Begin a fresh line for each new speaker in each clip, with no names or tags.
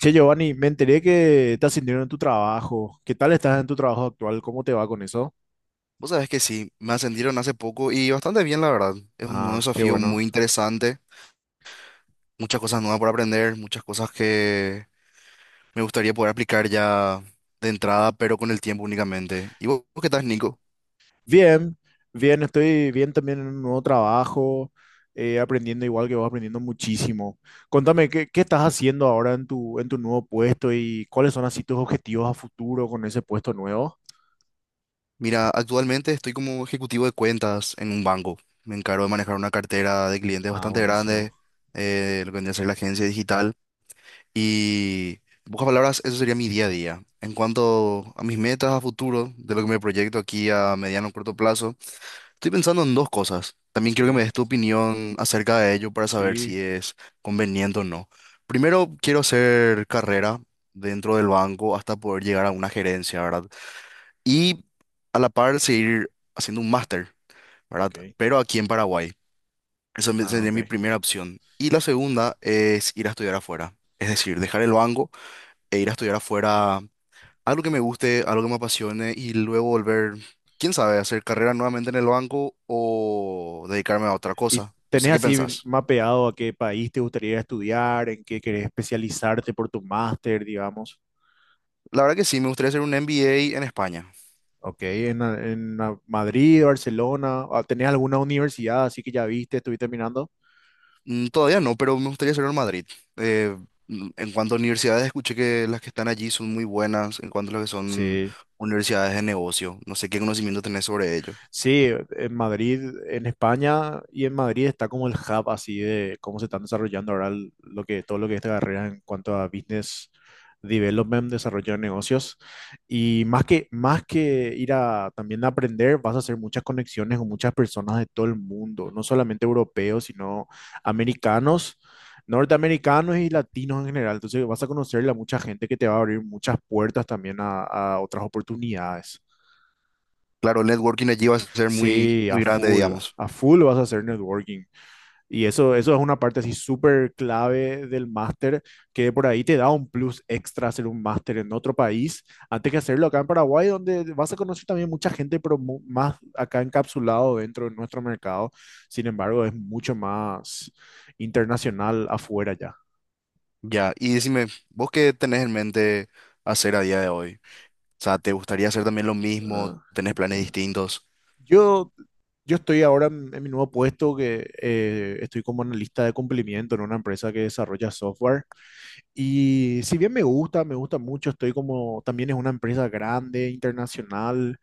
Che, Giovanni, me enteré que estás sintiendo en tu trabajo. ¿Qué tal estás en tu trabajo actual? ¿Cómo te va con eso?
Vos sabés que sí, me ascendieron hace poco y bastante bien, la verdad. Es un nuevo
Ah, qué
desafío
bueno.
muy interesante, muchas cosas nuevas por aprender, muchas cosas que me gustaría poder aplicar ya de entrada, pero con el tiempo únicamente. ¿Y vos qué tal, Nico?
Bien, bien, estoy bien también en un nuevo trabajo, aprendiendo igual que vos, aprendiendo muchísimo. Contame, ¿qué estás haciendo ahora en tu nuevo puesto y cuáles son así tus objetivos a futuro con ese puesto nuevo?
Mira, actualmente estoy como ejecutivo de cuentas en un banco. Me encargo de manejar una cartera de clientes
Ah,
bastante grande,
buenísimo.
lo que vendría a ser la agencia digital. Y, en pocas palabras, eso sería mi día a día. En cuanto a mis metas a futuro, de lo que me proyecto aquí a mediano o corto plazo, estoy pensando en dos cosas. También quiero que
Sí,
me des tu opinión acerca de ello para saber si
sí,
es conveniente o no. Primero, quiero hacer carrera dentro del banco hasta poder llegar a una gerencia, ¿verdad? Y a la par seguir haciendo un máster, ¿verdad?
ok.
Pero aquí en Paraguay.
Ah,
Sería
ok.
mi primera opción. Y la segunda es ir a estudiar afuera. Es decir, dejar el banco e ir a estudiar afuera algo que me guste, algo que me apasione y luego volver, quién sabe, a hacer carrera nuevamente en el banco o dedicarme a otra
¿Y
cosa. No sé
tenés
qué
así
pensás.
mapeado a qué país te gustaría estudiar, en qué querés especializarte por tu máster, digamos?
La verdad que sí, me gustaría hacer un MBA en España.
Ok, en Madrid, Barcelona, ¿tenés alguna universidad así que ya viste, estuviste mirando?
Todavía no, pero me gustaría hacerlo en Madrid. Eh, en cuanto a universidades, escuché que las que están allí son muy buenas en cuanto a lo que son
Sí.
universidades de negocio. No sé qué conocimiento tenés sobre ello.
Sí, en Madrid, en España y en Madrid está como el hub así de cómo se están desarrollando ahora todo lo que es esta carrera en cuanto a business development, desarrollo de negocios. Y más que ir a también a aprender, vas a hacer muchas conexiones con muchas personas de todo el mundo, no solamente europeos, sino americanos, norteamericanos y latinos en general. Entonces vas a conocerle a mucha gente que te va a abrir muchas puertas también a otras oportunidades.
Claro, el networking allí va a ser muy,
Sí, a
muy grande,
full,
digamos.
a full vas a hacer networking. Y eso es una parte así súper clave del máster, que por ahí te da un plus extra hacer un máster en otro país, antes que hacerlo acá en Paraguay, donde vas a conocer también mucha gente, pero más acá encapsulado dentro de nuestro mercado. Sin embargo, es mucho más internacional afuera ya.
Ya, y decime, ¿vos qué tenés en mente hacer a día de hoy? O sea, ¿te gustaría hacer también lo mismo?
Ah.
¿Tenés planes distintos?
Yo, yo estoy ahora en mi nuevo puesto que estoy como analista de cumplimiento en una empresa que desarrolla software. Y si bien me gusta mucho, estoy como, también es una empresa grande, internacional,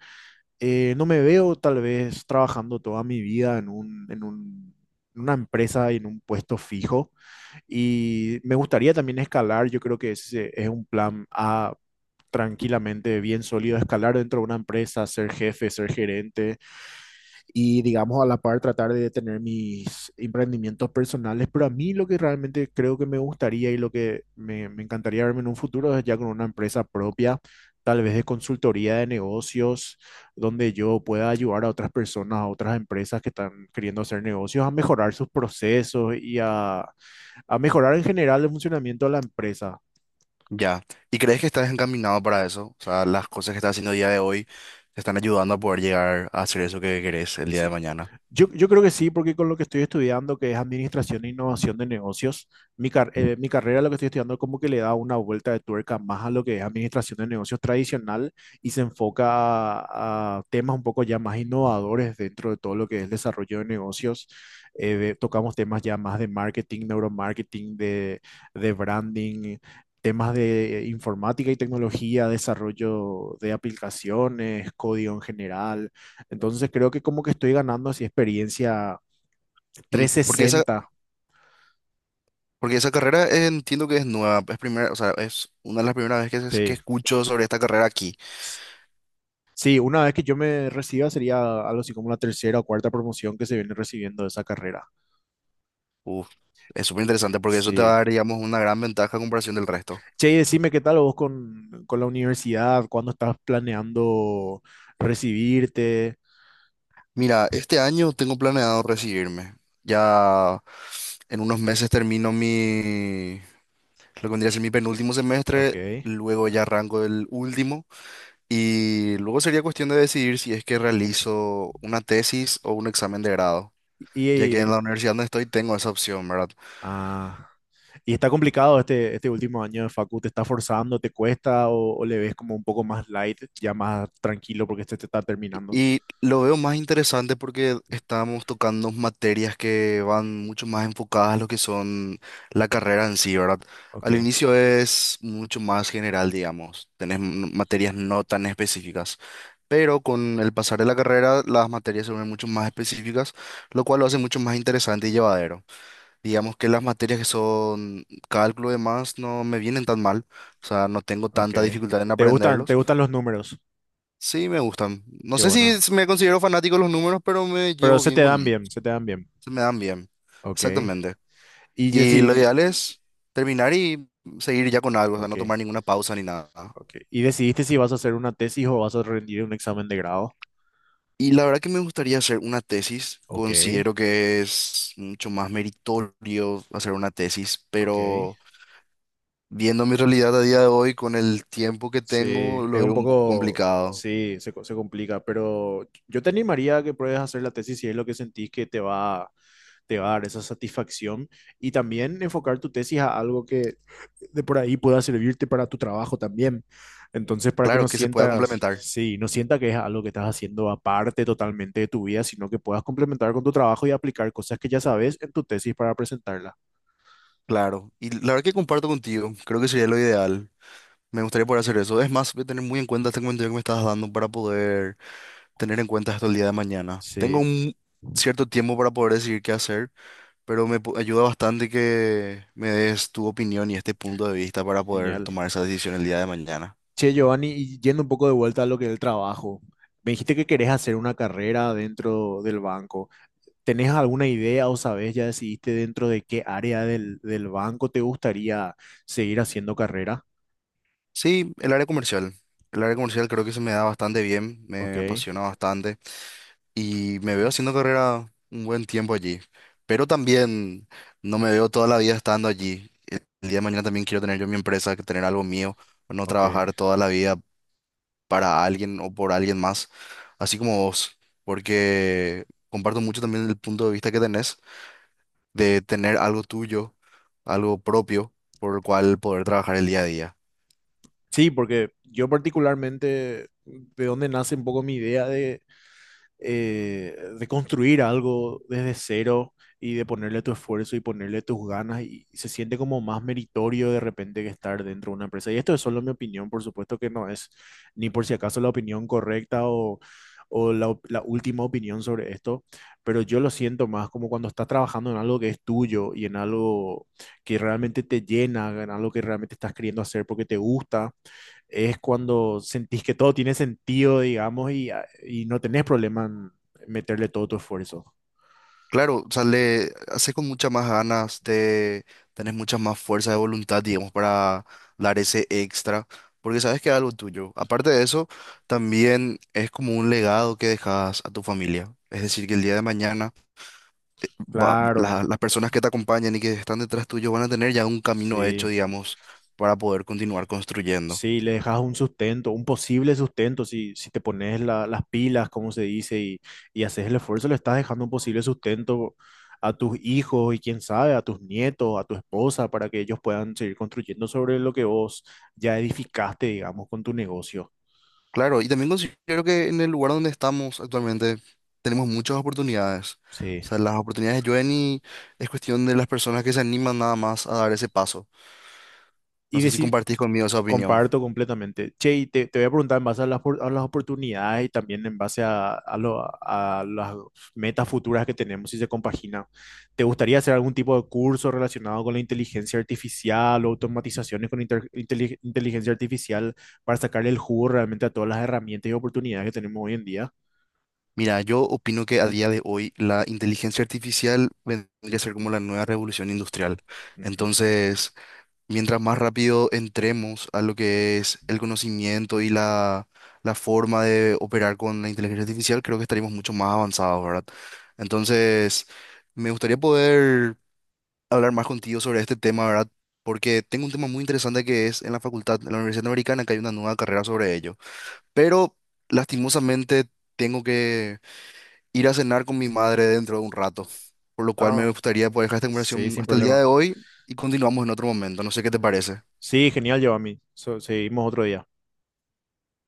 no me veo tal vez trabajando toda mi vida en una empresa y en un puesto fijo. Y me gustaría también escalar, yo creo que ese es un plan A tranquilamente bien sólido, escalar dentro de una empresa, ser jefe, ser gerente y digamos a la par tratar de tener mis emprendimientos personales, pero a mí lo que realmente creo que me gustaría y lo que me encantaría verme en un futuro es ya con una empresa propia, tal vez de consultoría de negocios, donde yo pueda ayudar a otras personas, a otras empresas que están queriendo hacer negocios, a mejorar sus procesos y a mejorar en general el funcionamiento de la empresa.
Ya. ¿Y crees que estás encaminado para eso? O sea, las cosas que estás haciendo el día de hoy te están ayudando a poder llegar a hacer eso que querés el día de mañana.
Yo creo que sí, porque con lo que estoy estudiando, que es Administración e Innovación de Negocios, mi carrera, lo que estoy estudiando, como que le da una vuelta de tuerca más a lo que es Administración de Negocios tradicional y se enfoca a temas un poco ya más innovadores dentro de todo lo que es desarrollo de negocios. Tocamos temas ya más de marketing, neuromarketing, de branding, temas de informática y tecnología, desarrollo de aplicaciones, código en general. Entonces creo que como que estoy ganando así experiencia
Mm,
trescientos
Porque esa,
sesenta
porque esa carrera entiendo que es nueva, es primera, o sea, es una de las primeras veces que
Sí.
escucho sobre esta carrera aquí.
S- Sí, una vez que yo me reciba sería algo así como la tercera o cuarta promoción que se viene recibiendo de esa carrera.
Uf, es súper interesante porque eso te va
Sí.
a dar, digamos, una gran ventaja a comparación del resto.
Che, y decime qué tal vos con la universidad, cuándo estás planeando recibirte.
Mira, este año tengo planeado recibirme. Ya en unos meses termino mi, lo que vendría a ser mi penúltimo semestre,
Ok.
luego ya arranco el último y luego sería cuestión de decidir si es que realizo una tesis o un examen de grado, ya que en
Y,
la universidad donde estoy tengo esa opción, ¿verdad?
ah, y está complicado este último año de facu, ¿te está forzando, te cuesta o le ves como un poco más light, ya más tranquilo porque este te está terminando?
Y lo veo más interesante porque estamos tocando materias que van mucho más enfocadas a lo que son la carrera en sí, ¿verdad? Al
Ok,
inicio es mucho más general, digamos. Materias no tan específicas. Pero con el pasar de la carrera, las materias se vuelven mucho más específicas, lo cual lo hace mucho más interesante y llevadero. Digamos que las materias que son cálculo y demás no me vienen tan mal, o sea, no tengo
ok.
tanta dificultad en
¿Te gustan, te
aprenderlos.
gustan los números?
Sí, me gustan. No
Qué
sé si
bueno.
s- me considero fanático de los números, pero me
Pero
llevo
se te
bien con
dan
ellos.
bien, se te dan bien.
Se me dan bien.
Ok.
Exactamente.
Y
Y lo
deci-
ideal es terminar y seguir ya con algo, o sea,
ok,
no tomar ninguna pausa ni nada.
ok. ¿Y decidiste si vas a hacer una tesis o vas a rendir un examen de grado?
Y la verdad que me gustaría hacer una tesis.
Ok,
Considero que es mucho más meritorio hacer una tesis,
ok.
pero viendo mi realidad a día de hoy, con el tiempo que
Sí,
tengo,
es
lo
un
veo un poco
poco,
complicado.
sí, se complica, pero yo te animaría a que pruebes a hacer la tesis si es lo que sentís que te va a dar esa satisfacción y también enfocar tu tesis a algo que de por ahí pueda servirte para tu trabajo también. Entonces, para que
Claro
no
que se pueda
sientas,
complementar.
sí, no sienta que es algo que estás haciendo aparte totalmente de tu vida, sino que puedas complementar con tu trabajo y aplicar cosas que ya sabes en tu tesis para presentarla.
Claro. Y la verdad que comparto contigo. Creo que sería lo ideal. Me gustaría poder hacer eso. Es más, voy a tener muy en cuenta este comentario que me estás dando para poder tener en cuenta esto el día de mañana. Tengo
Sí,
un cierto tiempo para poder decidir qué hacer, pero ayuda bastante que me des tu opinión y este punto de vista para poder
genial.
tomar esa decisión el día de mañana.
Che, Giovanni, y yendo un poco de vuelta a lo que es el trabajo, me dijiste que querés hacer una carrera dentro del banco. ¿Tenés alguna idea o sabes, ya decidiste dentro de qué área del banco te gustaría seguir haciendo carrera?
Sí, el área comercial. El área comercial creo que se me da bastante bien,
Ok,
me apasiona bastante, y me veo haciendo carrera un buen tiempo allí, pero también no me veo toda la vida estando allí. El día de mañana también quiero tener yo mi empresa, que tener algo mío, no
ok.
trabajar toda la vida para alguien o por alguien más, así como vos, porque comparto mucho también el punto de vista que tenés de tener algo tuyo, algo propio, por el cual poder trabajar el día a día.
Sí, porque yo particularmente, de dónde nace un poco mi idea de construir algo desde cero y de ponerle tu esfuerzo y ponerle tus ganas y se siente como más meritorio de repente que estar dentro de una empresa. Y esto es solo mi opinión, por supuesto que no es ni por si acaso la opinión correcta o la última opinión sobre esto, pero yo lo siento más como cuando estás trabajando en algo que es tuyo y en algo que realmente te llena, en algo que realmente estás queriendo hacer porque te gusta es cuando sentís que todo tiene sentido, digamos, y no tenés problema en meterle todo tu esfuerzo.
Claro, o sea, le haces con muchas más ganas, te tenés mucha más fuerza de voluntad, digamos, para dar ese extra, porque sabes que es algo tuyo. Aparte de eso, también es como un legado que dejas a tu familia. Es decir, que el día de mañana
Claro,
las personas que te acompañan y que están detrás tuyo van a tener ya un camino hecho,
sí.
digamos, para poder continuar construyendo.
Sí, le dejas un sustento, un posible sustento, si te pones las pilas, como se dice, y haces el esfuerzo, le estás dejando un posible sustento a tus hijos y quién sabe, a tus nietos, a tu esposa, para que ellos puedan seguir construyendo sobre lo que vos ya edificaste, digamos, con tu negocio.
Claro, y también considero que en el lugar donde estamos actualmente tenemos muchas oportunidades.
Sí.
O sea, las oportunidades llueven y es cuestión de las personas que se animan nada más a dar ese paso. No
Y
sé si
decir,
compartís conmigo esa opinión.
comparto completamente. Che, y te voy a preguntar en base a las oportunidades y también en base a las metas futuras que tenemos, si se compagina. ¿Te gustaría hacer algún tipo de curso relacionado con la inteligencia artificial o automatizaciones con inteligencia artificial para sacarle el jugo realmente a todas las herramientas y oportunidades que tenemos hoy en día?
Mira, yo opino que a día de hoy la inteligencia artificial vendría a ser como la nueva revolución industrial.
Ujú.
Entonces, mientras más rápido entremos a lo que es el conocimiento y la forma de operar con la inteligencia artificial, creo que estaríamos mucho más avanzados, ¿verdad? Entonces, me gustaría poder hablar más contigo sobre este tema, ¿verdad? Porque tengo un tema muy interesante que es en la facultad, en la Universidad Americana, que hay una nueva carrera sobre ello. Pero, lastimosamente, tengo que ir a cenar con mi madre dentro de un rato, por lo cual me
No,
gustaría poder dejar esta
sí,
conversación
sin
hasta el día de
problema.
hoy y continuamos en otro momento. No sé qué te parece.
Sí, genial, Giovanni. Seguimos otro día.